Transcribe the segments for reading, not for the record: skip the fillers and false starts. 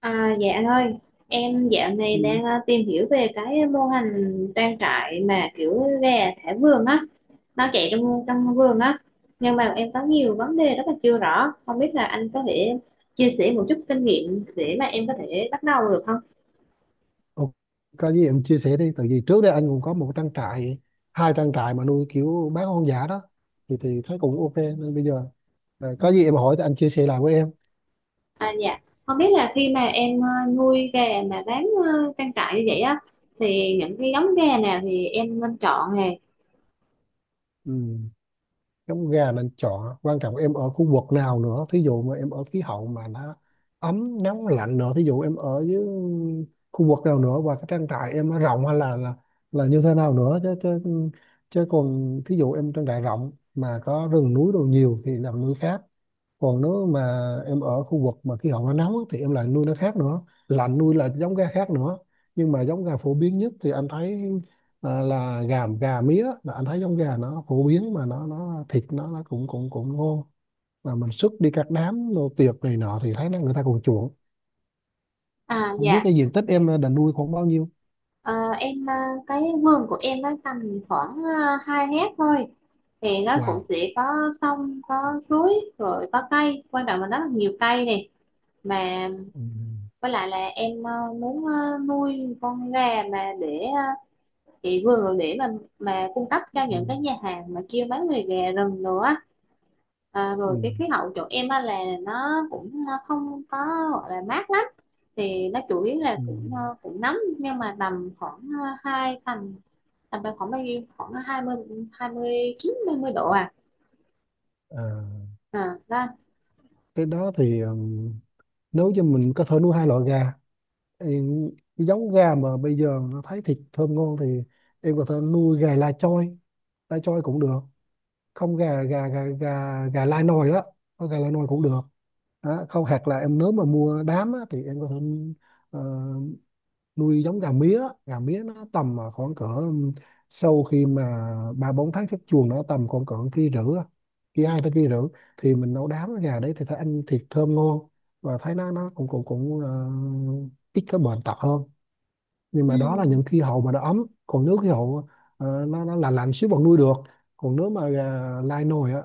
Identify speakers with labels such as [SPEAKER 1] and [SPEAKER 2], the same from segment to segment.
[SPEAKER 1] À, dạ thôi Em dạo này
[SPEAKER 2] Ừ.
[SPEAKER 1] đang tìm hiểu về cái mô hình trang trại mà kiểu gà thả vườn á, nó chạy trong trong vườn á, nhưng mà em có nhiều vấn đề rất là chưa rõ, không biết là anh có thể chia sẻ một chút kinh nghiệm để mà em có thể bắt đầu được không?
[SPEAKER 2] Ok, có gì em chia sẻ đi tại vì trước đây anh cũng có một trang trại, hai trang trại mà nuôi kiểu bán hoang dã đó, thì thấy cũng ok nên bây giờ là có gì em hỏi thì anh chia sẻ lại với em.
[SPEAKER 1] À dạ, không biết là khi mà em nuôi gà mà bán trang trại như vậy á, thì những cái giống gà nào thì em nên chọn nè?
[SPEAKER 2] Ừ. Giống gà nên chọn, quan trọng em ở khu vực nào nữa, thí dụ mà em ở khí hậu mà nó ấm, nóng, lạnh nữa, thí dụ em ở dưới khu vực nào nữa, và cái trang trại em nó rộng hay là là như thế nào nữa chứ chứ, chứ còn thí dụ em trang trại rộng mà có rừng núi đồ nhiều thì làm nuôi khác, còn nếu mà em ở khu vực mà khí hậu nó nóng á, thì em lại nuôi nó khác nữa, lạnh nuôi là giống gà khác nữa. Nhưng mà giống gà phổ biến nhất thì anh thấy là gà gà mía, là anh thấy giống gà nó phổ biến mà nó thịt, nó cũng cũng cũng ngon, mà mình xuất đi các đám đồ tiệc này nọ thì thấy nó người ta còn chuộng.
[SPEAKER 1] À
[SPEAKER 2] Không biết
[SPEAKER 1] dạ.
[SPEAKER 2] cái diện tích em định nuôi khoảng bao nhiêu?
[SPEAKER 1] Ờ, em cái vườn của em nó tầm khoảng 2 hecta thôi, thì nó cũng
[SPEAKER 2] Wow.
[SPEAKER 1] sẽ có sông có suối, rồi có cây, quan trọng là nó là nhiều cây này mà.
[SPEAKER 2] Ừ.
[SPEAKER 1] Với lại là em muốn nuôi con gà mà để chị vườn rồi để mà cung cấp
[SPEAKER 2] Ừ.
[SPEAKER 1] cho những cái nhà hàng mà kêu bán về gà rừng nữa á. À,
[SPEAKER 2] Ừ.
[SPEAKER 1] rồi cái khí hậu chỗ em á là nó cũng không có gọi là mát lắm, thì nó chủ yếu là
[SPEAKER 2] Ừ.
[SPEAKER 1] cũng cũng nóng, nhưng mà tầm khoảng ờ, hai tầm tầm khoảng bao nhiêu, khoảng hai mươi chín 29 mươi độ à,
[SPEAKER 2] À,
[SPEAKER 1] à đó.
[SPEAKER 2] cái đó thì nếu cho mình có thể nuôi hai loại gà, em, cái giống gà mà bây giờ nó thấy thịt thơm ngon thì em có thể nuôi gà lai choi, cũng được, không gà gà gà gà gà lai nồi đó, có gà lai nồi cũng được đó. Không hoặc là em nếu mà mua đám á, thì em có thể ờ, nuôi giống gà mía, gà mía nó tầm khoảng cỡ sau khi mà 3 4 tháng xuất chuồng nó tầm khoảng cỡ kia rưỡi á, kia hai tới kia rưỡi, thì mình nấu đám gà đấy thì thấy ăn thịt thơm ngon và thấy nó cũng cũng cũng ờ, ít cái bệnh tật hơn. Nhưng
[SPEAKER 1] Ừ,
[SPEAKER 2] mà đó là những khí hậu mà nó ấm, còn nếu khí hậu nó là lạnh xíu vẫn nuôi được, còn nếu mà gà lai nồi á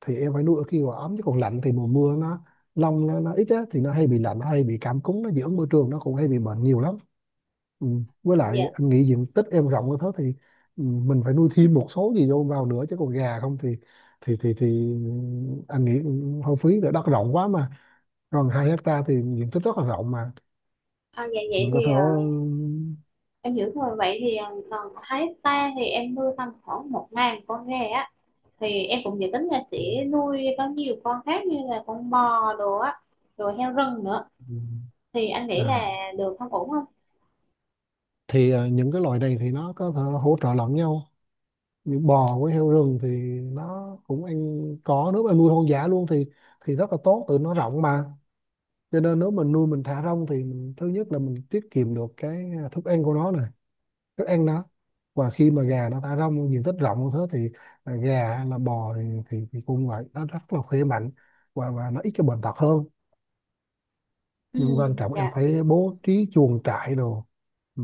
[SPEAKER 2] thì em phải nuôi ở khi mà ấm, chứ còn lạnh thì mùa mưa nó lông nó ít á thì nó hay bị lạnh, nó hay bị cảm cúm, nó dị ứng môi trường, nó cũng hay bị bệnh nhiều lắm. Ừ.
[SPEAKER 1] à,
[SPEAKER 2] Với lại
[SPEAKER 1] dạ.
[SPEAKER 2] anh nghĩ diện tích em rộng như thế thì mình phải nuôi thêm một số gì vô vào nữa, chứ còn gà không thì thì thì thì anh nghĩ cũng hơi phí, tại đất rộng quá mà, còn 2 hecta thì diện tích rất là rộng mà
[SPEAKER 1] À, dạ vậy
[SPEAKER 2] mình có
[SPEAKER 1] thì
[SPEAKER 2] thể
[SPEAKER 1] em hiểu rồi. Vậy thì còn Thái ta thì em nuôi tầm khoảng một ngàn con gà á, thì em cũng dự tính là
[SPEAKER 2] ừ,
[SPEAKER 1] sẽ nuôi có nhiều con khác như là con bò đồ á, rồi heo rừng nữa,
[SPEAKER 2] ừ,
[SPEAKER 1] thì anh nghĩ là
[SPEAKER 2] à,
[SPEAKER 1] được không, ổn không?
[SPEAKER 2] những cái loài này thì nó có thể hỗ trợ lẫn nhau, như bò với heo rừng thì nó cũng ăn có, nếu mà nuôi hoang dã luôn thì rất là tốt, tụi nó rộng mà, cho nên nếu mình nuôi mình thả rông thì mình, thứ nhất là mình tiết kiệm được cái thức ăn của nó này, thức ăn nó. Và khi mà gà nó thả rông diện tích rộng như thế thì gà hay là bò thì, cũng vậy, nó rất là khỏe mạnh và nó ít cái bệnh tật hơn.
[SPEAKER 1] Ừ,
[SPEAKER 2] Nhưng quan trọng em
[SPEAKER 1] dạ.
[SPEAKER 2] phải bố trí chuồng trại đồ, ừ,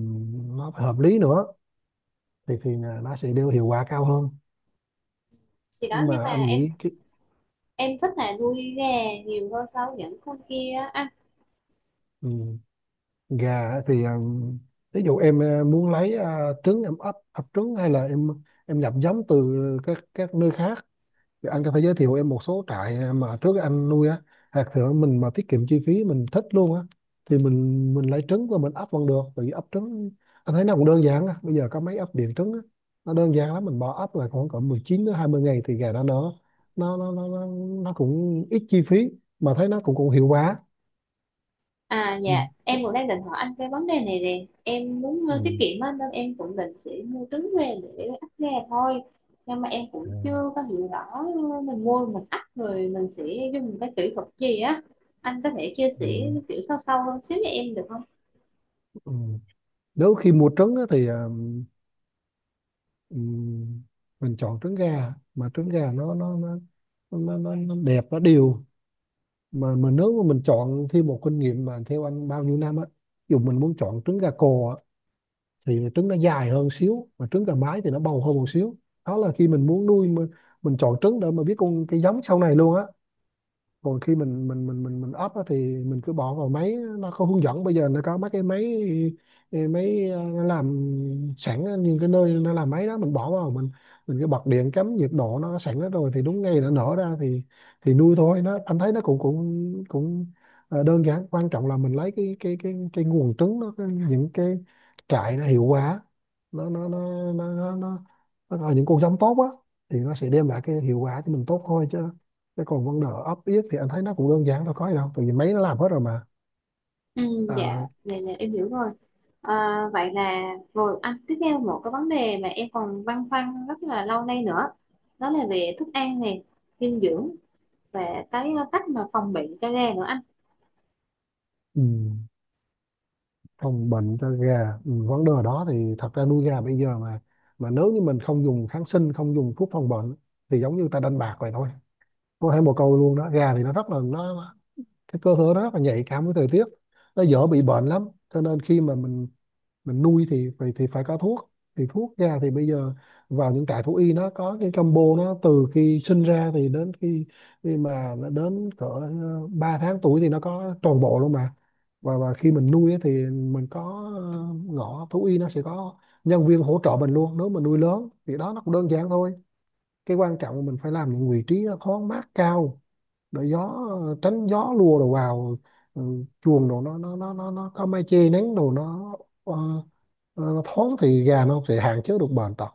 [SPEAKER 2] nó phải hợp lý nữa thì là nó sẽ đưa hiệu quả cao hơn,
[SPEAKER 1] thì
[SPEAKER 2] chứ
[SPEAKER 1] đó nhưng mà
[SPEAKER 2] mà anh nghĩ cái,
[SPEAKER 1] em thích là nuôi gà nhiều hơn so với những con kia á. À.
[SPEAKER 2] ừ, gà á thì ví dụ em muốn lấy trứng, em ấp ấp trứng hay là em nhập giống từ các nơi khác. Thì anh có thể giới thiệu em một số trại mà trước anh nuôi á, hạt thượng mình mà tiết kiệm chi phí mình thích luôn á, thì mình lấy trứng và mình ấp vẫn được, bởi vì ấp trứng anh thấy nó cũng đơn giản á, bây giờ có mấy ấp điện trứng á, nó đơn giản lắm, mình bỏ ấp là khoảng cỡ 19 đến 20 ngày thì gà nó nở, nó nó nó nó, nó cũng ít chi phí mà thấy nó cũng cũng hiệu quả.
[SPEAKER 1] À
[SPEAKER 2] Ừ.
[SPEAKER 1] dạ, em cũng đang định hỏi anh cái vấn đề này nè. Em muốn
[SPEAKER 2] Ừ.
[SPEAKER 1] tiết kiệm á, nên em cũng định sẽ mua trứng về để ấp gà thôi. Nhưng mà em cũng
[SPEAKER 2] Ừ.
[SPEAKER 1] chưa có hiểu rõ, mình mua mình ấp rồi mình sẽ dùng cái kỹ thuật gì á. Anh có thể chia
[SPEAKER 2] Ừ.
[SPEAKER 1] sẻ kiểu sâu sâu hơn xíu cho em được không?
[SPEAKER 2] Ừ. Nếu khi mua trứng á, thì ừ, mình chọn trứng gà, mà trứng gà nó đẹp, nó đều, mà nếu mà mình chọn thêm một kinh nghiệm mà theo anh bao nhiêu năm á, dù mình muốn chọn trứng gà cò á, thì trứng nó dài hơn xíu, mà trứng gà mái thì nó bầu hơn một xíu. Đó là khi mình muốn nuôi mình chọn trứng để mà biết con cái giống sau này luôn á. Còn khi mình up á, thì mình cứ bỏ vào máy, nó có hướng dẫn, bây giờ nó có mấy cái máy nó làm sẵn á, những cái nơi nó làm máy đó, mình bỏ vào mình cứ bật điện, cắm nhiệt độ nó sẵn hết rồi thì đúng ngày nó nở ra thì nuôi thôi. Nó anh thấy nó cũng cũng cũng ờ, đơn giản, quan trọng là mình lấy cái nguồn trứng nó những cái trại nó hiệu quả, nó nó nó nó nó, nó, nó những con giống tốt á thì nó sẽ đem lại cái hiệu quả cho mình tốt thôi chứ. Thế còn vấn đề ấp yết thì anh thấy nó cũng đơn giản thôi, có gì đâu, tại vì máy nó làm hết rồi mà.
[SPEAKER 1] Ừ, dạ,
[SPEAKER 2] à,
[SPEAKER 1] dạ, dạ, em hiểu rồi. À, vậy là rồi anh, tiếp theo một cái vấn đề mà em còn băn khoăn rất là lâu nay nữa. Đó là về thức ăn này, dinh dưỡng, và cái cách mà phòng bị cho gà nữa anh.
[SPEAKER 2] ừ, Phòng bệnh cho gà, ừ, vấn đề đó thì thật ra nuôi gà bây giờ mà nếu như mình không dùng kháng sinh, không dùng thuốc phòng bệnh thì giống như ta đánh bạc vậy thôi, có thể một câu luôn đó. Gà thì nó rất là nó, cái cơ thể nó rất là nhạy cảm với thời tiết, nó dễ bị bệnh lắm, cho nên khi mà mình nuôi thì phải có thuốc. Thì thuốc ra thì bây giờ vào những trại thú y nó có cái combo, nó từ khi sinh ra thì đến khi khi mà nó đến cỡ 3 tháng tuổi thì nó có toàn bộ luôn mà. Và khi mình nuôi ấy thì mình có ngõ thú y, nó sẽ có nhân viên hỗ trợ mình luôn, nếu mình nuôi lớn thì đó, nó cũng đơn giản thôi. Cái quan trọng là mình phải làm những vị trí nó thoáng mát cao, để gió, tránh gió lùa đồ vào, ừ, chuồng đồ nó có mái che nắng đồ nó, ờ, nó thoáng thì gà nó sẽ hạn chế được bệnh tật.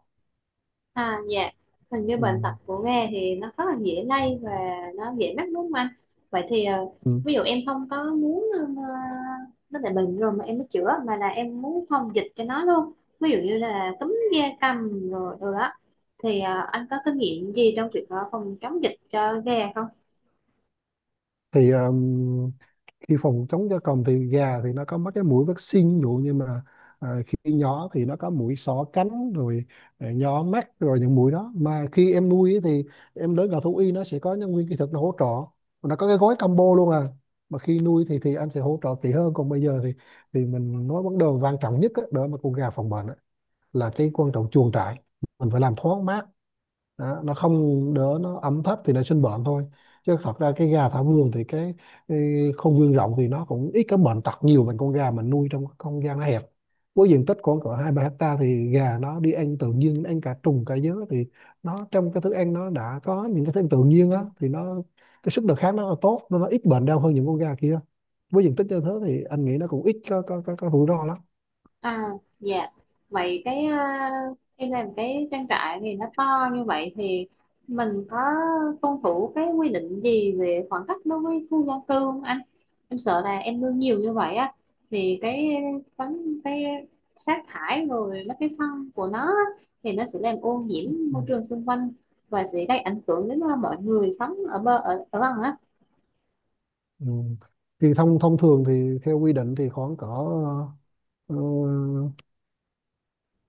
[SPEAKER 1] À dạ, hình như bệnh tật
[SPEAKER 2] Ừ.
[SPEAKER 1] của Nga thì nó rất là dễ lây và nó dễ mắc đúng không anh? Vậy thì
[SPEAKER 2] Ừ.
[SPEAKER 1] ví dụ em không có muốn nó là bệnh rồi mà em mới chữa, mà là em muốn phòng dịch cho nó luôn. Ví dụ như là cúm da cầm rồi rồi á, thì anh có kinh nghiệm gì trong việc phòng chống dịch cho gà không?
[SPEAKER 2] Thì khi phòng chống gia cầm thì gà thì nó có mấy cái mũi vaccine, ví dụ như mà khi nhỏ thì nó có mũi xỏ cánh rồi nhỏ mắt, rồi những mũi đó, mà khi em nuôi ấy thì em đến vào thú y, nó sẽ có nhân viên kỹ thuật nó hỗ trợ, nó có cái gói combo luôn à, mà khi nuôi thì anh sẽ hỗ trợ kỹ hơn. Còn bây giờ thì mình nói vấn đề quan trọng nhất á, để mà con gà phòng bệnh là cái quan trọng chuồng trại, mình phải làm thoáng mát đó, nó không đỡ, nó ẩm thấp thì nó sinh bệnh thôi, chứ thật ra cái gà thả vườn thì cái không gian rộng thì nó cũng ít cái bệnh tật nhiều bằng con gà mình nuôi trong cái không gian nó hẹp. Với diện tích khoảng cỡ 2 3 hecta thì gà nó đi ăn tự nhiên, ăn cả trùng cả dứa thì nó trong cái thức ăn nó đã có những cái thức ăn tự nhiên á, thì nó cái sức đề kháng nó là tốt nên nó ít bệnh đau hơn những con gà kia. Với diện tích như thế thì anh nghĩ nó cũng ít có rủi ro lắm.
[SPEAKER 1] À, dạ. Vậy em làm cái trang trại thì nó to như vậy, thì mình có tuân thủ cái quy định gì về khoảng cách đối với khu dân cư không anh? Em sợ là em nuôi nhiều như vậy á, thì cái sát thải rồi mấy cái phân của nó á, thì nó sẽ làm ô
[SPEAKER 2] Ừ.
[SPEAKER 1] nhiễm môi trường xung quanh và sẽ gây ảnh hưởng đến mọi người sống ở ở gần á.
[SPEAKER 2] Ừ. Thì thông thông thường thì theo quy định thì khoảng cỡ ờ,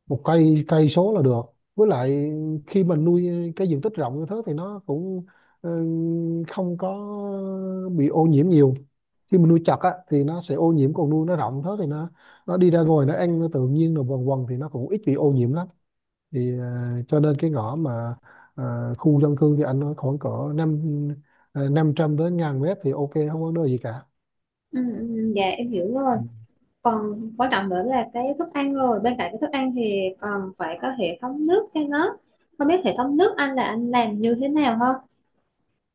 [SPEAKER 2] một cây cây số là được. Với lại khi mình nuôi cái diện tích rộng như thế thì nó cũng ờ, không có bị ô nhiễm nhiều. Khi mình nuôi chặt á, thì nó sẽ ô nhiễm, còn nuôi nó rộng thế thì nó đi ra ngoài, nó ăn nó tự nhiên rồi quần quần thì nó cũng ít bị ô nhiễm lắm. Thì cho nên cái ngõ mà khu dân cư thì anh nói khoảng cỡ năm 500 đến 1.000 mét thì ok, không có vấn đề gì cả.
[SPEAKER 1] Ừ, ừ, dạ em hiểu rồi.
[SPEAKER 2] Ừ.
[SPEAKER 1] Còn quan trọng nữa là cái thức ăn, rồi bên cạnh cái thức ăn thì còn phải có hệ thống nước cho nó, không biết hệ thống nước anh là anh làm như thế nào không?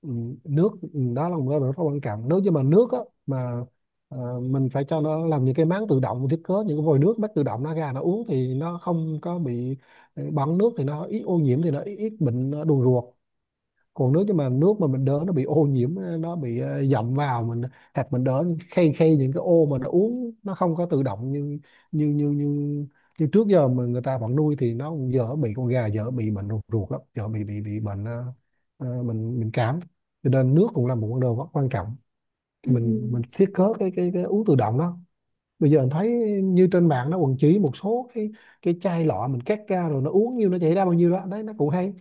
[SPEAKER 2] ừ, Nước, ừ, đó là một cái rất là quan trọng, nếu như mà nước á, mà mình phải cho nó làm những cái máng tự động, thiết kế những cái vòi nước bắt tự động nó ra nó uống thì nó không có bị bẩn nước thì nó ít ô nhiễm, thì nó ít bệnh đường ruột. Còn nước, nhưng mà nước mà mình đỡ nó bị ô nhiễm, nó bị dậm vào mình, hoặc mình đỡ khay khay những cái ô mà nó uống, nó không có tự động như như như như như trước giờ mà người ta vẫn nuôi thì nó cũng dễ bị, con gà dễ bị bệnh ruột lắm, dễ bị bệnh bệnh bệnh cảm, cho nên nước cũng là một vấn đề rất quan trọng.
[SPEAKER 1] Ừ.
[SPEAKER 2] Thì mình thiết kế cái uống tự động đó, bây giờ mình thấy như trên mạng nó quần chỉ một số cái chai lọ mình cắt ra rồi nó uống nhiêu nó chảy ra bao nhiêu đó đấy, nó cũng hay.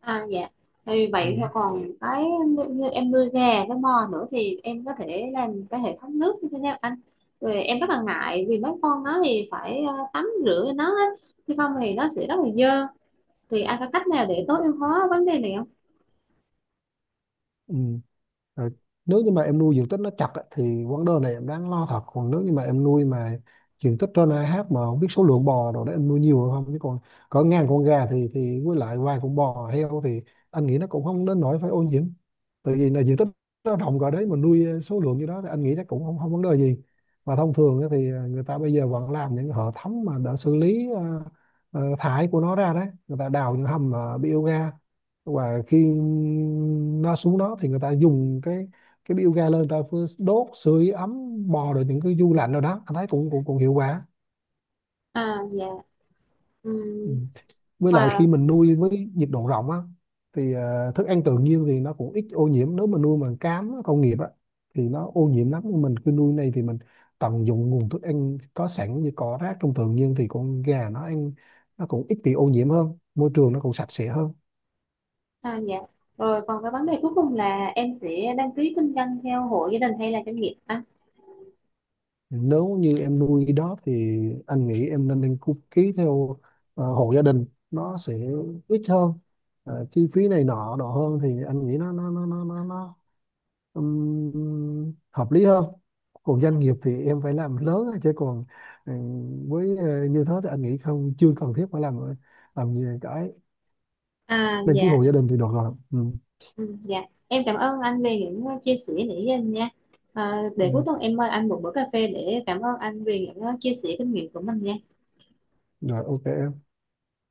[SPEAKER 1] À dạ, thì vậy thì
[SPEAKER 2] Ừ.
[SPEAKER 1] còn cái như em nuôi gà với bò nữa thì em có thể làm cái hệ thống nước như thế nào anh? Rồi em rất là ngại vì mấy con nó thì phải tắm rửa cho nó á, chứ không thì nó sẽ rất là dơ, thì anh có cách nào để tối ưu hóa vấn đề này không?
[SPEAKER 2] Ừ. Rồi, nếu như mà em nuôi diện tích nó chặt á, thì vấn đề này em đáng lo thật, còn nếu như mà em nuôi mà diện tích trên AH, mà không biết số lượng bò rồi đó em nuôi nhiều hay không, chứ còn có ngàn con gà thì với lại vài con bò heo thì anh nghĩ nó cũng không đến nỗi phải ô nhiễm, tại vì là diện tích nó rộng rồi đấy mà nuôi số lượng như đó thì anh nghĩ chắc cũng không không vấn đề gì. Mà thông thường á thì người ta bây giờ vẫn làm những hệ thống mà đã xử lý thải của nó ra đấy, người ta đào những hầm biogas, và khi nó xuống đó thì người ta dùng cái bioga ga lên, người ta vừa đốt sưởi ấm bò, rồi những cái du lạnh rồi đó, anh thấy cũng cũng, cũng hiệu quả.
[SPEAKER 1] À dạ.
[SPEAKER 2] Ừ.
[SPEAKER 1] Ừm,
[SPEAKER 2] Với lại khi
[SPEAKER 1] và.
[SPEAKER 2] mình nuôi với nhiệt độ rộng á thì thức ăn tự nhiên thì nó cũng ít ô nhiễm. Nếu mà nuôi bằng cám á, công nghiệp á, thì nó ô nhiễm lắm, nhưng mình cứ nuôi này thì mình tận dụng nguồn thức ăn có sẵn như cỏ rác trong tự nhiên thì con gà nó ăn, nó cũng ít bị ô nhiễm hơn, môi trường nó cũng sạch sẽ hơn.
[SPEAKER 1] À, dạ. Rồi còn cái vấn đề cuối cùng là em sẽ đăng ký kinh doanh theo hộ gia đình hay là doanh nghiệp anh?
[SPEAKER 2] Nếu như em nuôi đó thì anh nghĩ em nên đăng ký, ký theo hộ gia đình, nó sẽ ít hơn. Chi phí này nọ nọ hơn thì anh nghĩ nó hợp lý hơn. Còn doanh nghiệp thì em phải làm lớn á, chứ còn như thế thì anh nghĩ không, chưa cần thiết phải làm gì cái,
[SPEAKER 1] À,
[SPEAKER 2] đăng ký
[SPEAKER 1] dạ.
[SPEAKER 2] hộ gia đình thì được rồi. Ừ.
[SPEAKER 1] Ừ, dạ. Em cảm ơn anh về những chia sẻ nãy giờ nha. À, để cuối
[SPEAKER 2] Ừ.
[SPEAKER 1] tuần em mời anh một bữa cà phê để cảm ơn anh về những chia sẻ kinh nghiệm của mình nha.
[SPEAKER 2] Rồi, ok em.